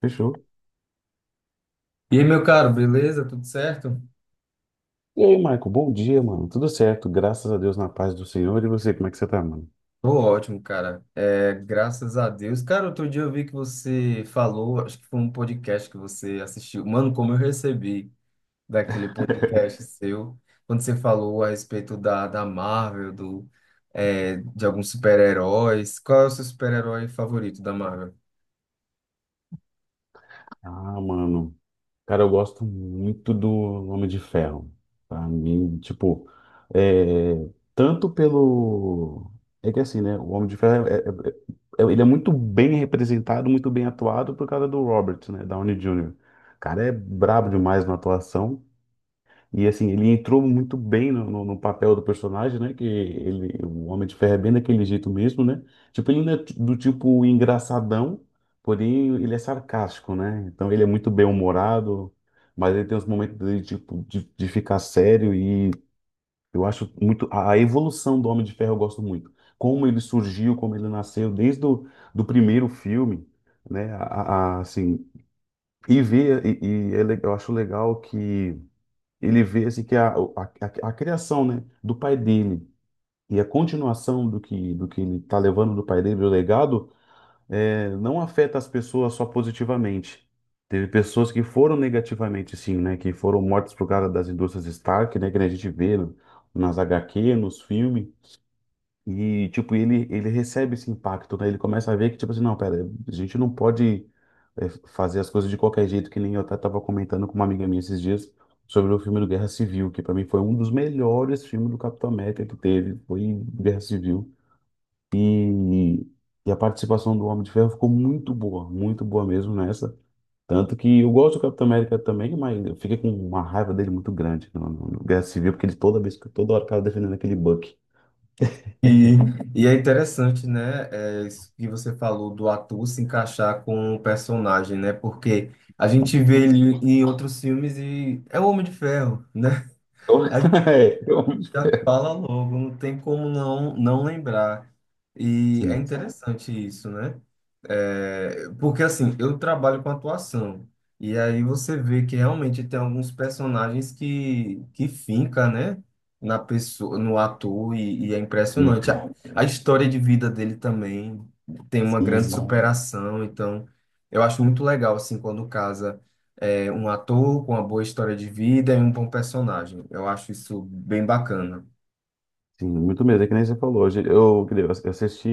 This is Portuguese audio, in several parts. Fechou. E aí, meu caro, beleza? Tudo certo? E aí, Michael, bom dia, mano. Tudo certo, graças a Deus, na paz do Senhor. E você, como é que você tá, mano? Tô ótimo, cara. É, graças a Deus. Cara, outro dia eu vi que você falou, acho que foi um podcast que você assistiu. Mano, como eu recebi daquele podcast seu, quando você falou a respeito da Marvel, de alguns super-heróis. Qual é o seu super-herói favorito da Marvel? Ah, mano. Cara, eu gosto muito do Homem de Ferro. Pra mim, tipo, é, tanto pelo. É que assim, né? O Homem de Ferro, ele é muito bem representado, muito bem atuado por causa do Robert, né? Downey Jr. O cara é brabo demais na atuação. E assim, ele entrou muito bem no papel do personagem, né? Que ele, o Homem de Ferro é bem daquele jeito mesmo, né? Tipo, ele não é do tipo engraçadão, porém ele é sarcástico, né? Então ele é muito bem-humorado, mas ele tem uns momentos de, tipo, de ficar sério e eu acho muito. A evolução do Homem de Ferro eu gosto muito. Como ele surgiu, como ele nasceu, desde o do primeiro filme, né? Assim, e ver, eu acho legal que ele vê assim que a criação, né, do pai dele e a continuação do que ele está levando do pai dele, do legado, não afeta as pessoas só positivamente. Teve pessoas que foram negativamente, sim, né, que foram mortas por causa das indústrias Stark, né, que a gente vê nas HQ, nos filmes. E, tipo, ele recebe esse impacto, né? Ele começa a ver que, tipo assim, não, pera, a gente não pode fazer as coisas de qualquer jeito, que nem eu até tava comentando com uma amiga minha esses dias sobre o filme do Guerra Civil, que pra mim foi um dos melhores filmes do Capitão América que teve, foi Guerra Civil. E, e a participação do Homem de Ferro ficou muito boa mesmo nessa. Tanto que eu gosto do Capitão América também, mas eu fiquei com uma raiva dele muito grande no Guerra Civil, porque ele toda vez, que toda hora ficava defendendo aquele Buck. E, e é interessante, né, isso que você falou do ator se encaixar com o personagem, né? Porque a gente vê ele em outros filmes e é o Homem de Ferro, né? Eu, é, eu Já fala logo, não tem como não lembrar. E é Sim, interessante isso, né? É, porque assim, eu trabalho com atuação, e aí você vê que realmente tem alguns personagens que finca, né? Na pessoa, no ator, e é impressionante. fica. A história de vida dele também tem uma grande Sim, superação, então eu acho muito legal, assim, quando casa um ator com uma boa história de vida e um bom personagem. Eu acho isso bem bacana. sim, muito mesmo. É que nem você falou hoje. Eu assisti,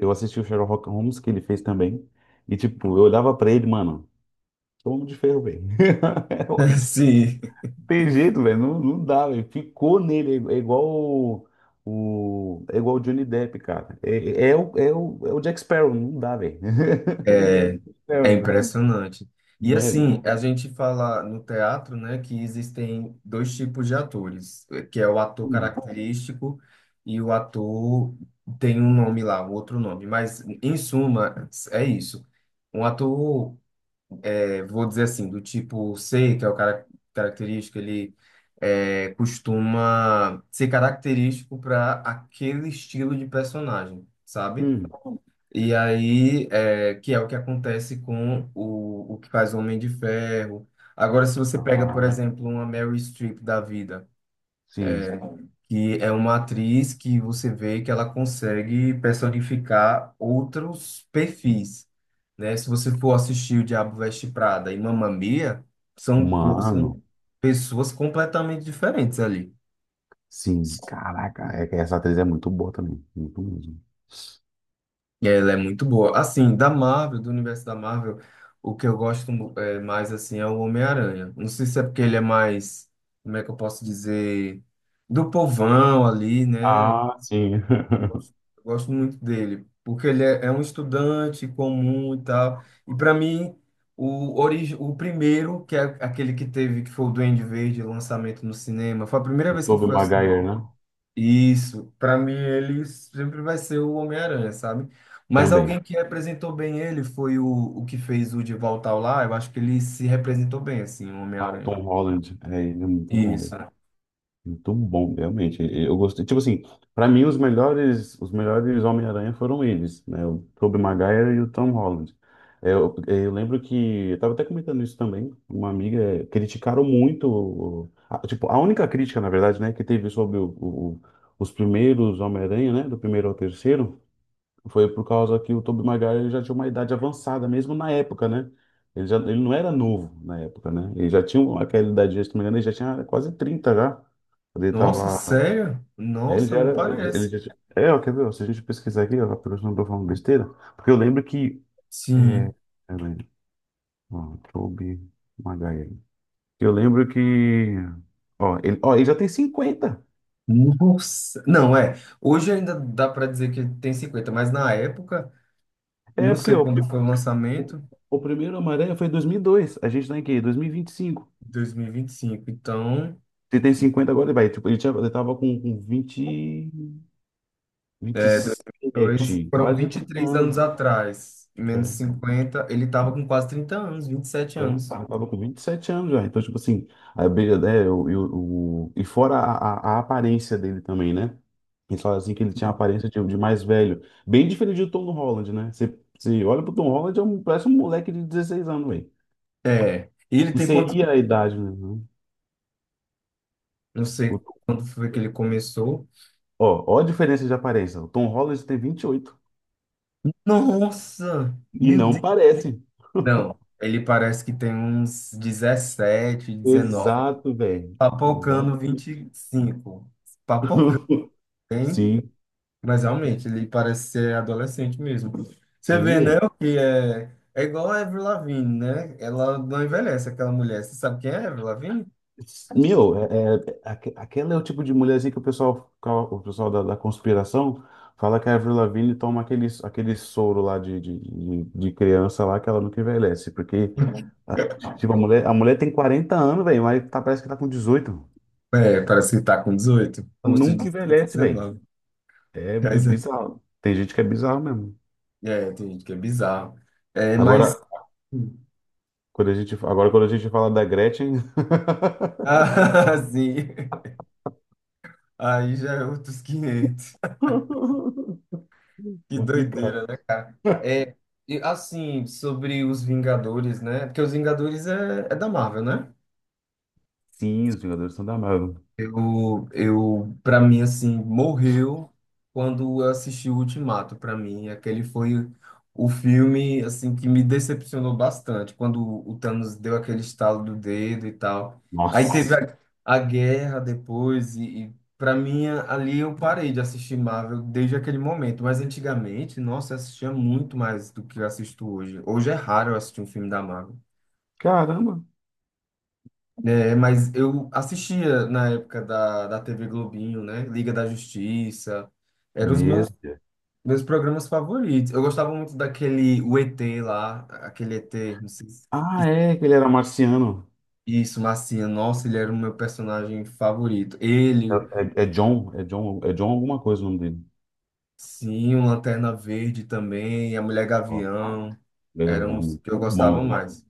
eu assisti o Sherlock Holmes que ele fez também. E, tipo, eu olhava pra ele, mano, é o Homem de Ferro, velho. É o Homem de Ferro. Sim, Não tem jeito, velho. Não, não dá, velho. Ficou nele. É igual o Johnny Depp, cara. É o Jack Sparrow. Não dá, velho. Ele é o é Jack Sparrow, é entendeu? impressionante. E Né? assim, a gente fala no teatro, né, que existem dois tipos de atores, que é o ator Hum, característico e o ator tem um nome lá, um outro nome. Mas, em suma, é isso. Um ator, vou dizer assim, do tipo C, que é o cara característico, ele costuma ser característico para aquele estilo de personagem, sabe? hum. E aí, que é o que acontece com o que faz o Homem de Ferro. Agora, se você pega, por Ah, exemplo, uma Mary Streep da vida, sim. que é uma atriz que você vê que ela consegue personificar outros perfis, né? Se você for assistir O Diabo Veste Prada e Mamma Mia, são, co- Mano. são pessoas completamente diferentes ali. Sim, caraca, é que essa atriz é muito boa também, muito mesmo. Ela é muito boa. Assim, da Marvel, do universo da Marvel, o que eu gosto mais assim é o Homem-Aranha. Não sei se é porque ele é mais, como é que eu posso dizer, do povão ali, né? Ah, sim. Eu gosto, eu gosto muito dele, porque ele é um estudante comum e tal. E para mim, o primeiro, que é aquele que teve, que foi o Duende Verde, o lançamento no cinema, foi a primeira O vez que eu Tobey fui ao. Maguire, né? Isso. Para mim ele sempre vai ser o Homem-Aranha, sabe? Mas Também. alguém que representou bem ele foi o que fez o De Volta ao Lar, eu acho que ele se representou bem, assim, o Ah, o Homem-Aranha. Tom Holland, ele é muito bom, velho. Isso. Muito bom, realmente. Eu gostei, tipo assim, pra mim os melhores Homem-Aranha foram eles, né? O Tobey Maguire e o Tom Holland. Eu lembro que, eu tava até comentando isso também, uma amiga, criticaram muito, tipo, a única crítica, na verdade, né, que teve sobre os primeiros Homem-Aranha, né, do primeiro ao terceiro. Foi por causa que o Tobey Maguire já tinha uma idade avançada, mesmo na época, né? Ele, já, ele não era novo na época, né? Ele já tinha aquela idade, se não me engano, ele já tinha quase 30, já. Quando ele Nossa, tava. sério? Ele Nossa, já não era. Ele parece. já tinha. É, ó, quer ver? Ó, se a gente pesquisar aqui, ó, por isso não tô falando besteira. Porque eu lembro que. É, Sim. peraí, ó, Tobey Maguire. Eu lembro que. Ó, ele já tem 50. Nossa. Não, é. Hoje ainda dá para dizer que tem 50, mas na época, É, não porque sei ó, quando foi o lançamento, o primeiro Homem-Aranha foi em dois mil e dois. A gente tá em quê? 2025. dois mil e vinte e cinco. Então. Ele tem 50 agora, vai. Tipo, ele tinha, ele tava com, vinte, vinte e É, 2002. sete Foram quase vinte e 30 três anos. anos atrás. É, Menos é. 50. Ele tava com quase 30 anos, 27 anos. Eu tava com 27 anos já. Então, tipo assim, a abelha, né, eu, e fora a aparência dele também, né? Ele falam assim que ele tinha a aparência de, mais velho. Bem diferente do Tom Holland, né? Você olha pro Tom Holland, parece um moleque de 16 anos, velho. É. E ele E tem quanto? seria a idade, né? Não sei O- quando foi que ele começou. ó a diferença de aparência. O Tom Holland tem 28. Nossa! E Meu não Deus! parece. Não, ele parece que tem uns 17, 19. Exato, velho. Papocando Exato. 25. Papocando, hein? Sim, Mas realmente, ele parece ser adolescente mesmo. Você sim, vê, né? velho. O que é. É igual a Avril Lavigne, né? Ela não envelhece, aquela mulher. Você sabe quem é a Avril Lavigne? Meu, aquela é o tipo de mulherzinha que o pessoal, o pessoal da conspiração fala que a Avril Lavigne toma aquele soro lá de criança lá que ela nunca envelhece. Porque, a- tipo, a mulher tem 40 anos, velho, mas tá, parece que tá com 18. É, parece que tá com 18, rosto de Nunca 18, envelhece, velho. 19. É Mas bizarro. Tem gente que é bizarro mesmo. Tem gente que é bizarro. É, Agora, mas. Quando a gente fala da Gretchen. Ah, sim. Aí já é outros quinhentos. Que Complicado. doideira, né, cara? É, e assim, sobre os Vingadores, né? Porque os Vingadores é da Marvel, né? Sim, os Vingadores são da Marvel. Eu para mim assim, morreu quando eu assisti o Ultimato, para mim, aquele foi o filme assim que me decepcionou bastante, quando o Thanos deu aquele estalo do dedo e tal. Aí teve Nossa, a guerra depois e para mim ali eu parei de assistir Marvel desde aquele momento, mas antigamente, nossa, eu assistia muito mais do que eu assisto hoje. Hoje é raro eu assistir um filme da Marvel. caramba. É, mas eu assistia na época da TV Globinho, né? Liga da Justiça. Eram os meus, Meu Deus. meus programas favoritos. Eu gostava muito daquele o ET lá, aquele ET, não sei se... Ah, é, que ele era marciano. Isso, Marciano. Nossa, ele era o meu personagem favorito. Ele, o- É John alguma coisa o nome dele. sim, o Lanterna Verde também, a Mulher Ó, Gavião, ele era eram os muito que eu bom, gostava velho. mais.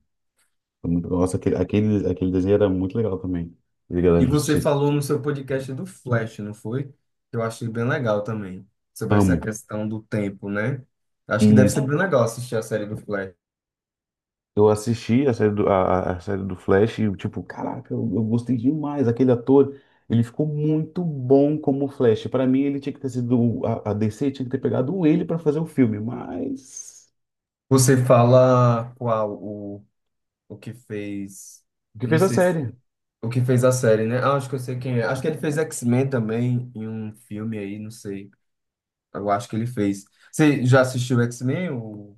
Nossa, aquele desenho era muito legal também. Liga da E você Justiça. falou no seu podcast do Flash, não foi? Eu achei bem legal também, sobre essa Amo questão do tempo, né? Acho que deve isso. ser bem legal assistir a série do Flash. Eu assisti a série a série do Flash e, tipo, caraca, eu gostei demais. Aquele ator, ele ficou muito bom como Flash. Pra mim, ele tinha que ter sido. A DC tinha que ter pegado ele pra fazer o filme, mas. Você fala qual o que fez. O Eu que não fez a sei série? o que fez a série, né? Ah, acho que eu sei quem é. Acho que ele fez X-Men também em um filme aí, não sei. Eu acho que ele fez. Você já assistiu X-Men? O,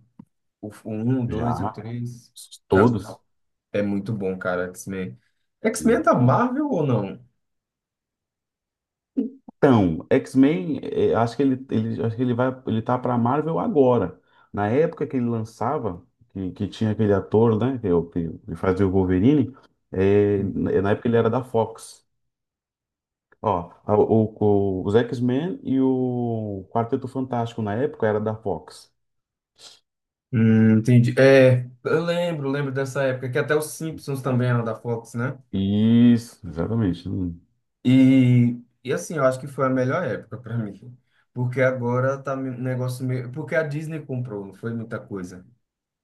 o, o 1, o 2, o Já. 3? Pra mim, Todos. é muito bom, cara, X-Men. X-Men é da Marvel ou não? Então, X-Men, acho que acho que ele vai, ele tá pra Marvel agora. Na época que ele lançava, que tinha aquele ator, né, que, que fazia o Wolverine, na época ele era da Fox. Ó, os X-Men e o Quarteto Fantástico na época era da Fox. Entendi. É, eu lembro dessa época, que até os Simpsons também eram da Fox, né? Isso, exatamente. Hum. E assim, eu acho que foi a melhor época para mim. Porque agora tá um negócio meio. Porque a Disney comprou, não foi muita coisa.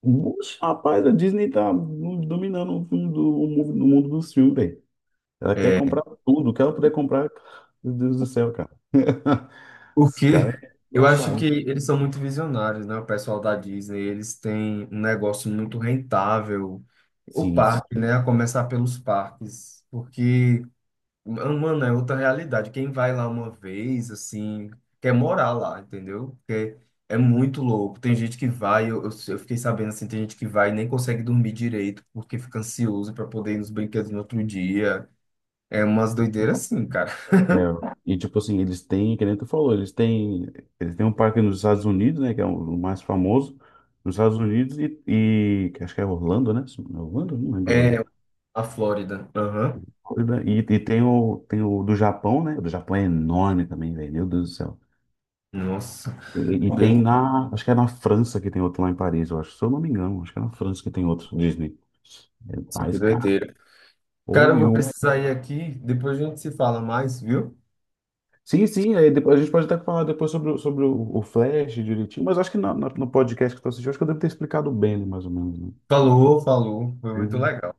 Oxe, rapaz, a Disney tá dominando o, mundo do, o mundo dos filmes, velho. Ela quer É, comprar tudo, o que ela puder comprar, meu Deus do céu, cara. Esse cara porque é eu acho que engraçado. eles são muito visionários, né? O pessoal da Disney, eles têm um negócio muito rentável. O Sim. parque, né? A começar pelos parques. Porque. Mano, é outra realidade. Quem vai lá uma vez, assim, quer morar lá, entendeu? Porque é muito louco. Tem gente que vai, eu fiquei sabendo assim, tem gente que vai e nem consegue dormir direito porque fica ansioso para poder ir nos brinquedos no outro dia. É umas doideiras assim, cara. É, e tipo assim, eles têm, que nem tu falou, eles têm um parque nos Estados Unidos, né, que é o mais famoso, nos Estados Unidos e que acho que é Orlando, né? Orlando? Não lembro agora. É a Flórida. Aham. Florida. E tem o, do Japão, né? O do Japão é enorme também, velho, meu Deus do céu. Nossa, E be- acho que é na França que tem outro lá em Paris, eu acho, se eu não me engano, acho que é na França que tem outro Disney. É nossa, que mais caro. doideira. Cara, eu vou precisar ir aqui, depois a gente se fala mais, viu? Sim, sim, aí depois, a gente pode até falar depois sobre o Flash direitinho, mas acho que no podcast que tu assistiu, acho que eu devo ter explicado bem, né, mais ou menos, né? Falou, falou. Foi muito Uhum. legal.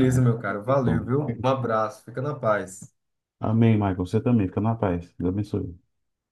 Ah, é. meu caro. Valeu, Então, viu? Um abraço. Fica na paz. amém, Michael, você também, fica na paz, Deus abençoe.